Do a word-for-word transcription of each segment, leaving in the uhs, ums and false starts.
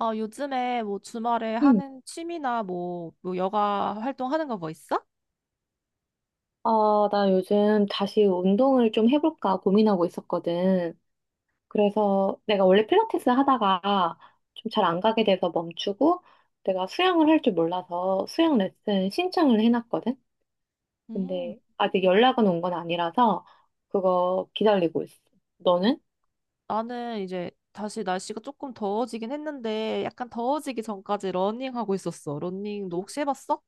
아, 요즘에 뭐 주말에 응. 하는 취미나 뭐, 뭐 여가 활동하는 거 뭐 있어? 아, 나 요즘 다시 운동을 좀 해볼까 고민하고 있었거든. 그래서 내가 원래 필라테스 하다가 좀 잘 안 가게 돼서 멈추고 내가 수영을 할 줄 몰라서 수영 레슨 신청을 해놨거든. 음, 근데 아직 연락은 온 건 아니라서 그거 기다리고 있어. 너는? 나는 이제 다시 날씨가 조금 더워지긴 했는데 약간 더워지기 전까지 러닝하고 있었어. 러닝 너 혹시 해봤어?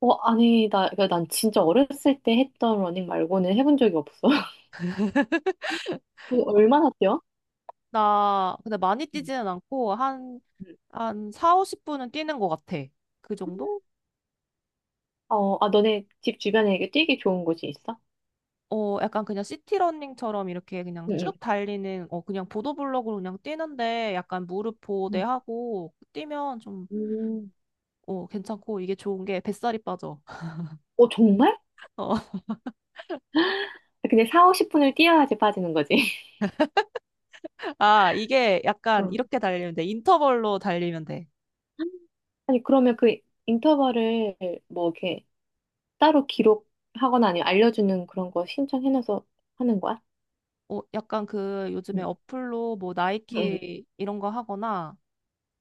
어, 아니, 나, 그러니까 난 진짜 어렸을 때 했던 러닝 말고는 해본 적이 없어. 그거 얼마나 뛰어? 나 근데 많이 응. 뛰지는 않고 한, 응. 한 사, 오십 분 뛰는 것 같아. 그 정도? 어, 아, 너네 집 주변에 이게 뛰기 좋은 곳이 있어? 어, 약간 그냥 시티 러닝처럼 이렇게 그냥 응, 쭉 달리는, 어, 그냥 보도블록으로 그냥 뛰는데 약간 무릎 보호대 응. 하고 뛰면 좀, 음. 어, 괜찮고 이게 좋은 게 뱃살이 빠져. 어, 정말? 어. 근데 사, 오십 분을 뛰어야지 빠지는 거지. 아, 이게 약간 어. 이렇게 달리면 돼. 인터벌로 달리면 돼. 아니, 그러면 그 인터벌을 뭐 이렇게 따로 기록하거나 아니면 알려주는 그런 거 신청해놔서 하는 거야? 어, 약간 그 요즘에 응. 어플로 뭐 응, 나이키 이런 거 하거나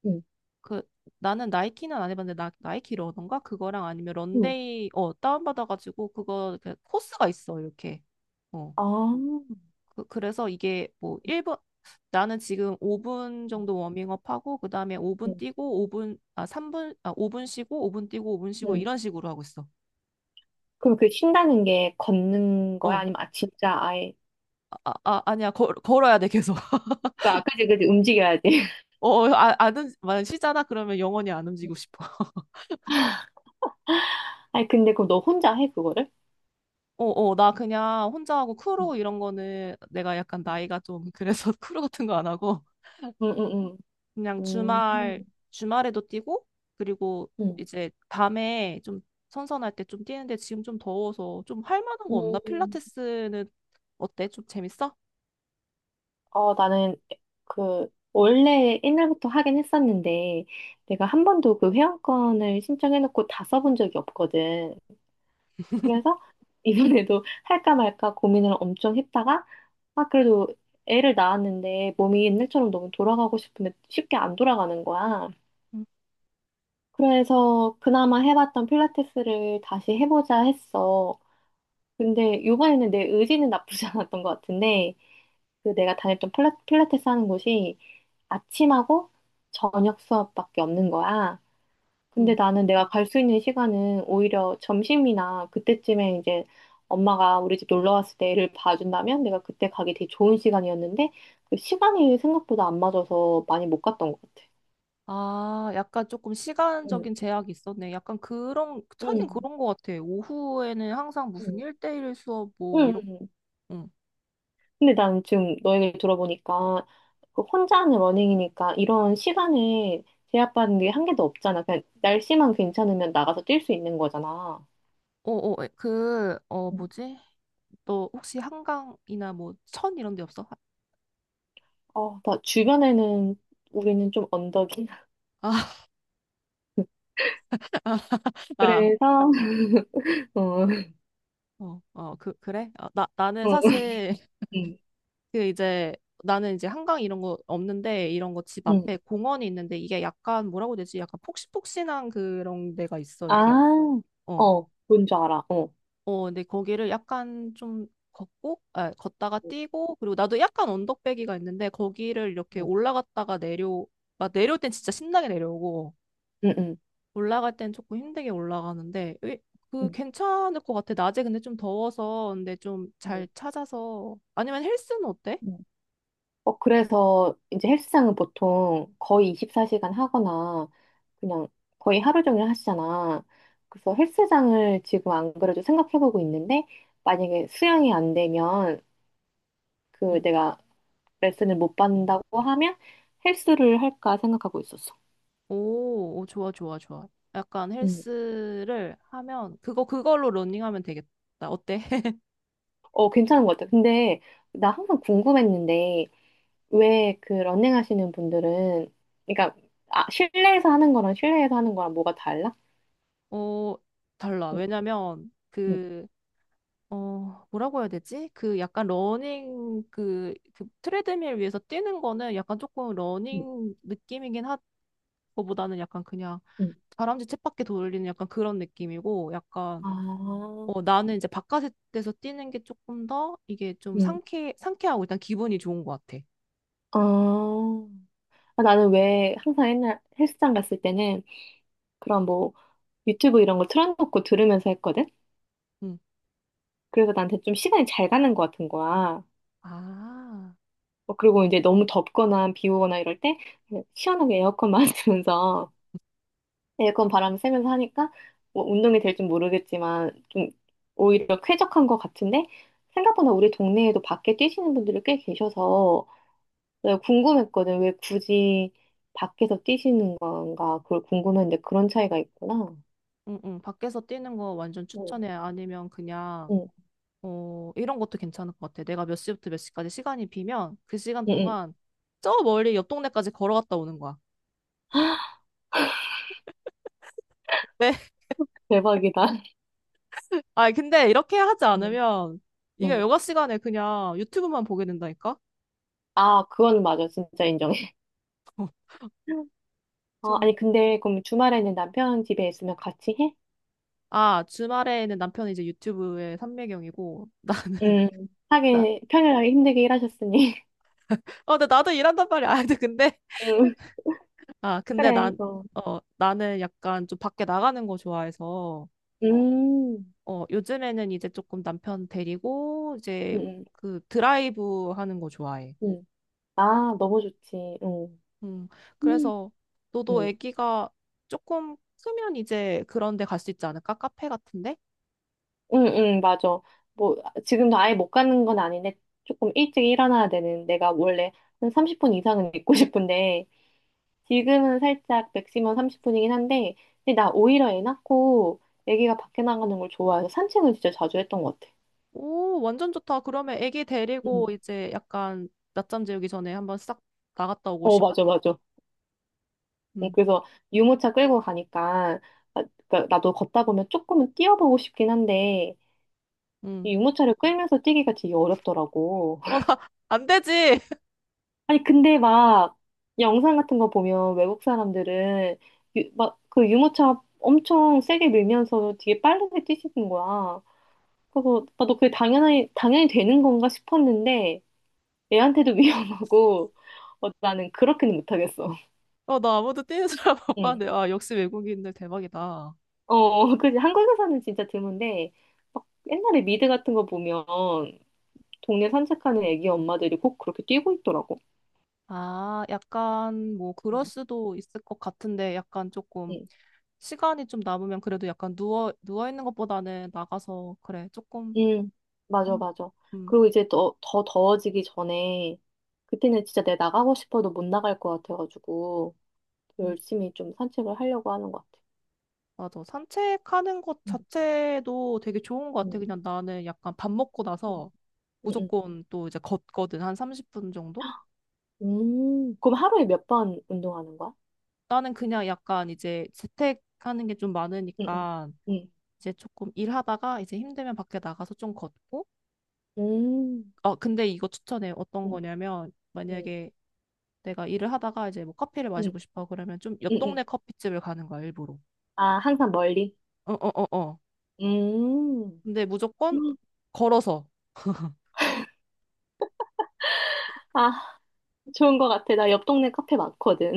응, 그 나는 나이키는 안 해봤는데 나, 나이키 러던가 그거랑 아니면 응. 런데이 어, 다운받아가지고 그거 그 코스가 있어, 이렇게. 어, 아, 그, 그래서 이게 뭐 일 분 나는 지금 오 분 정도 워밍업 하고 그다음에 오 분 응. 뛰고 오 분 아 삼 분 아 오 분 쉬고 오 분 뛰고 오 분 쉬고 응. 이런 식으로 하고 있어. 그럼 그 쉰다는 게 걷는 거야? 어. 아니면 아, 진짜 아예. 아, 아, 아, 아니야. 걸, 걸어야 돼, 계속. 그러니까 아, 그지, 그지, 움직여야지. 어, 아, 안, 움직- 만약 쉬잖아? 그러면 영원히 안 움직이고 싶어. 아니, 근데 그럼 너 혼자 해, 그거를? 어, 어, 나 그냥 혼자 하고 응. 크루 이런 거는 내가 약간 나이가 좀 그래서 크루 같은 거 안 하고 응, 응, 응. 그냥 응 주말, 주말에도 뛰고 그리고 응. 이제 밤에 좀 선선할 때 좀 뛰는데 지금 좀 더워서 좀 할 만한 거 없나? 응. 음. 필라테스는 어때? 좀 재밌어? 어, 나는 그, 원래 옛날부터 하긴 했었는데, 내가 한 번도 그 회원권을 신청해놓고 다 써본 적이 없거든. 그래서 이번에도 할까 말까 고민을 엄청 했다가, 아, 그래도 애를 낳았는데 몸이 옛날처럼 너무 돌아가고 싶은데 쉽게 안 돌아가는 거야. 응. 그래서 그나마 해봤던 필라테스를 다시 해보자 했어. 근데 이번에는 내 의지는 나쁘지 않았던 것 같은데, 그 내가 다녔던 필라- 필라테스 하는 곳이 아침하고 저녁 수업밖에 없는 거야. 근데 응. 나는 내가 갈 수 있는 시간은 오히려 점심이나 그때쯤에 이제 엄마가 우리 집 놀러 왔을 때 애를 봐준다면 내가 그때 가기 되게 좋은 시간이었는데 그 시간이 생각보다 안 맞아서 많이 못 갔던 것 같아. 아, 약간 조금 응, 시간적인 제약이 있었네. 약간 그런, 응, 하긴 그런 거 같아. 오후에는 항상 응, 무슨 일대일 수업 뭐 응. 이런, 응. 응. 근데 난 지금 너 얘기 들어보니까 그 혼자 하는 러닝이니까 이런 시간에 제약받는 게 한 개도 없잖아. 그냥 날씨만 괜찮으면 나가서 뛸 수 있는 거잖아. 어, 어, 그, 어, 뭐지? 너 혹시 한강이나 뭐, 천 이런 데 없어? 어, 나 주변에는 우리는 좀 언덕이. 아, 아, 그래서, 어, 어, 어, 그, 그래? 아, 나, 나는 어, 사실, 응, 그 이제, 나는 이제 한강 이런 거 없는데, 이런 거 집 응. 앞에 공원이 있는데, 이게 약간 뭐라고 해야 되지? 약간 폭신폭신한 그런 데가 있어, 이렇게. 아, 어, 어, 뭔지 알아. 어, 어, 어, 근데 거기를 약간 좀 걷고, 아, 걷다가 뛰고, 그리고 나도 약간 언덕배기가 있는데, 거기를 이렇게 어, 올라갔다가 내려, 막 내려올 땐 진짜 신나게 내려오고, 응, 응, 올라갈 땐 조금 힘들게 올라가는데 으, 그 응, 괜찮을 것 같아. 낮에 근데 좀 더워서 근데 좀 잘 응. 찾아서 아니면 헬스는 어때? 응. 어, 그래서 이제 헬스장은 보통 거의 이십사 시간 하거나 그냥 거의 하루 종일 하시잖아. 그래서 헬스장을 지금 안 그래도 생각해보고 있는데 만약에 수영이 안 되면 그 응. 내가 레슨을 못 받는다고 하면 헬스를 할까 생각하고 있었어. 오, 오, 좋아, 좋아, 좋아. 약간 응. 헬스를 하면 그거 그걸로 러닝하면 되겠다. 어때? 어, 괜찮은 것 같아요. 근데 나 항상 궁금했는데 왜 그 러닝 하시는 분들은 그러니까 아, 실내에서 하는 거랑 실내에서 하는 거랑 뭐가 달라? 어, 달라. 응, 왜냐면 응, 그... 어, 뭐라고 해야 되지? 그 약간 러닝, 그, 그 트레드밀 위에서 뛰는 거는 약간 조금 응, 러닝 느낌이긴 하, 거보다는 약간 그냥 응, 다람쥐 쳇바퀴 돌리는 약간 그런 느낌이고, 약간, 아, 어, 나는 이제 바깥에서 뛰는 게 조금 더 이게 좀 응, 상쾌, 상쾌하고 일단 기분이 좋은 것 같아. 아, 아, 나는 왜 항상 옛날 헬스장 갔을 때는 그런 뭐 유튜브 이런 거 틀어놓고 들으면서 했거든? 응. 그래서 나한테 좀 시간이 잘 가는 것 같은 거야. 아, 어, 그리고 이제 너무 덥거나 비 오거나 이럴 때 시원하게 에어컨 맞으면서 에그컨 바람 쐬면서 하니까 뭐 운동이 될지 모르겠지만 좀 오히려 쾌적한 것 같은데 생각보다 우리 동네에도 밖에 뛰시는 분들이 꽤 계셔서 내가 궁금했거든. 왜 굳이 밖에서 뛰시는 건가 그걸 궁금했는데 그런 차이가 있구나. 응, 응. 밖에서 뛰는 거 완전 응, 추천해. 아니면 그냥 응, 어, 이런 것도 괜찮을 것 같아. 내가 몇 시부터 몇 시까지 시간이 비면 그 시간 응, 응. 동안 저 멀리 옆 동네까지 걸어갔다 오는 거야. 왜? 대박이다. 아, 근데 이렇게 하지 응, 않으면 이게 응. 여가 시간에 그냥 유튜브만 보게 된다니까? 아, 그건 맞아. 진짜 인정해. 어, 좀. 아니 근데 그럼 주말에는 남편 집에 있으면 같이 해? 아, 주말에는 남편이 이제 유튜브의 삼매경이고, 나는. 응. 나, 하긴 평일날 힘들게 일하셨으니. 어, 근데 나도 일한단 말이야. 아, 근데, 근데- 응, 아, 근데 그래. 난, 어. 어, 나는 약간 좀 밖에 나가는 거 좋아해서, 음, 어, 요즘에는 이제 조금 남편 데리고, 이제 음, 음. 그 드라이브 하는 거 좋아해. 음. 아, 너무 좋지. 응, 음, 응, 그래서 너도 응, 애기가 조금 크면 이제 그런 데 갈 수 있지 않을까? 카페 같은데? 응, 맞아. 뭐, 아, 지금도 아예 못 가는 건 아닌데, 조금 일찍 일어나야 되는, 내가 원래 한 삼십 분 이상은 있고 싶은데, 지금은 살짝 맥시멈 삼십 분이긴 한데, 근데 나 오히려 애 낳고, 애기가 밖에 나가는 걸 좋아해서 산책을 진짜 자주 했던 것 같아. 오, 완전 좋다. 그러면 애기 응. 데리고 이제 약간 낮잠 재우기 전에 한번 싹 나갔다 오고 어, 시간. 맞아, 맞아. 응, 음. 그래서 유모차 끌고 가니까, 아, 그러니까 나도 걷다 보면 조금은 뛰어보고 싶긴 한데, 음. 이 유모차를 끌면서 뛰기가 되게 어렵더라고. 어, 나, 안 되지! 아니, 근데 막 영상 같은 거 보면 외국 사람들은 막 그 유모차 엄청 세게 밀면서 되게 빠르게 뛰시는 거야. 그래서 아, 너 그게 당연히, 당연히 되는 건가 싶었는데 애한테도 위험하고 어, 나는 그렇게는 못하겠어. 어, 나 아무도 뛰는 사람 못 응. 봤는데. 아, 역시 외국인들 대박이다. 어, 그 한국에서는 진짜 드문데 막 옛날에 미드 같은 거 보면 동네 산책하는 애기 엄마들이 꼭 그렇게 뛰고 있더라고. 아, 약간 뭐 그럴 응. 수도 있을 것 같은데 약간 조금 응. 시간이 좀 남으면 그래도 약간 누워 누워 있는 것보다는 나가서 그래 조금 음, 맞아, 한- 맞아. 음. 그리고 이제 더, 더 더워지기 전에, 그때는 진짜 내가 나가고 싶어도 못 나갈 것 같아가지고, 음. 열심히 좀 산책을 하려고 하는 것 같아. 맞아. 산책하는 것 음, 자체도 되게 좋은 것 같아. 음, 그냥 나는 약간 밥 먹고 음. 나서 응, 응. 무조건 또 이제 걷거든. 한 삼십 분 정도? 음, 그럼 하루에 몇 번 운동하는 거야? 나는 그냥 약간 이제 재택하는 게 좀 응, 응, 많으니까 응. 이제 조금 일하다가 이제 힘들면 밖에 나가서 좀 걷고. 음, 어, 근데 이거 추천해. 어떤 응, 거냐면 응, 만약에 내가 일을 하다가 이제 뭐 커피를 응, 마시고 싶어 그러면 좀 옆 응, 응. 동네 커피집을 가는 거야, 일부러. 아, 항상 멀리? 어, 어, 어, 어. 음. 근데 무조건 걸어서. 아, 좋은 것 같아. 나 옆 동네 카페 많거든.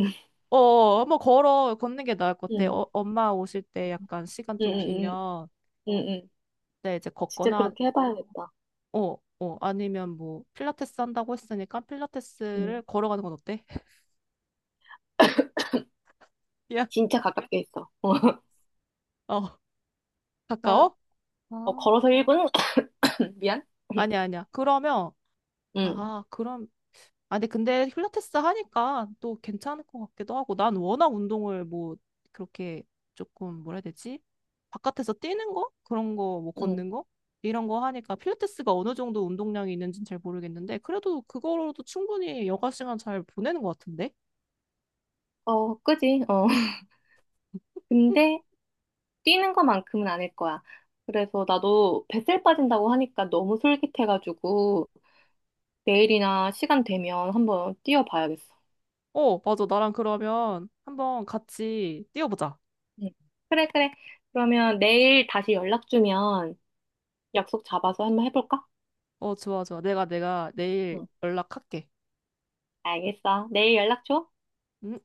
어, 한번 걸어, 걷는 게 나을 것 같아. 응, 어, 엄마 오실 때 약간 시간 응, 좀 응, 비면, 응, 응. 응. 네, 이제 진짜 걷거나, 그렇게 해봐야겠다. 어, 어, 아니면 뭐, 필라테스 한다고 했으니까 필라테스를 걸어가는 건 어때? 야, 진짜 가깝게 있어. 어, 어, 나, 가까워? 어, 아, 걸어서 일 분? 미안. 아니야, 아니야. 그러면, 응, 아, 그럼 아니, 근데 필라테스 하니까 또 괜찮을 것 같기도 하고, 난 워낙 운동을 뭐, 그렇게 조금, 뭐라 해야 되지? 바깥에서 뛰는 거? 그런 거, 뭐, 응. 걷는 거? 이런 거 하니까 필라테스가 어느 정도 운동량이 있는지는 잘 모르겠는데, 그래도 그거로도 충분히 여가 시간 잘 보내는 것 같은데? 어, 그지? 어. 근데 뛰는 것만큼은 아닐 거야. 그래서 나도 뱃살 빠진다고 하니까 너무 솔깃해가지고 내일이나 시간 되면 한번 뛰어봐야겠어. 어, 맞아. 나랑 그러면 한번 같이 뛰어보자. 응. 그래, 그래. 그러면 내일 다시 연락 주면 약속 잡아서 한번 해볼까? 어, 좋아, 좋아. 내가, 내가 내일 응. 연락할게. 알겠어. 내일 연락 줘. 음.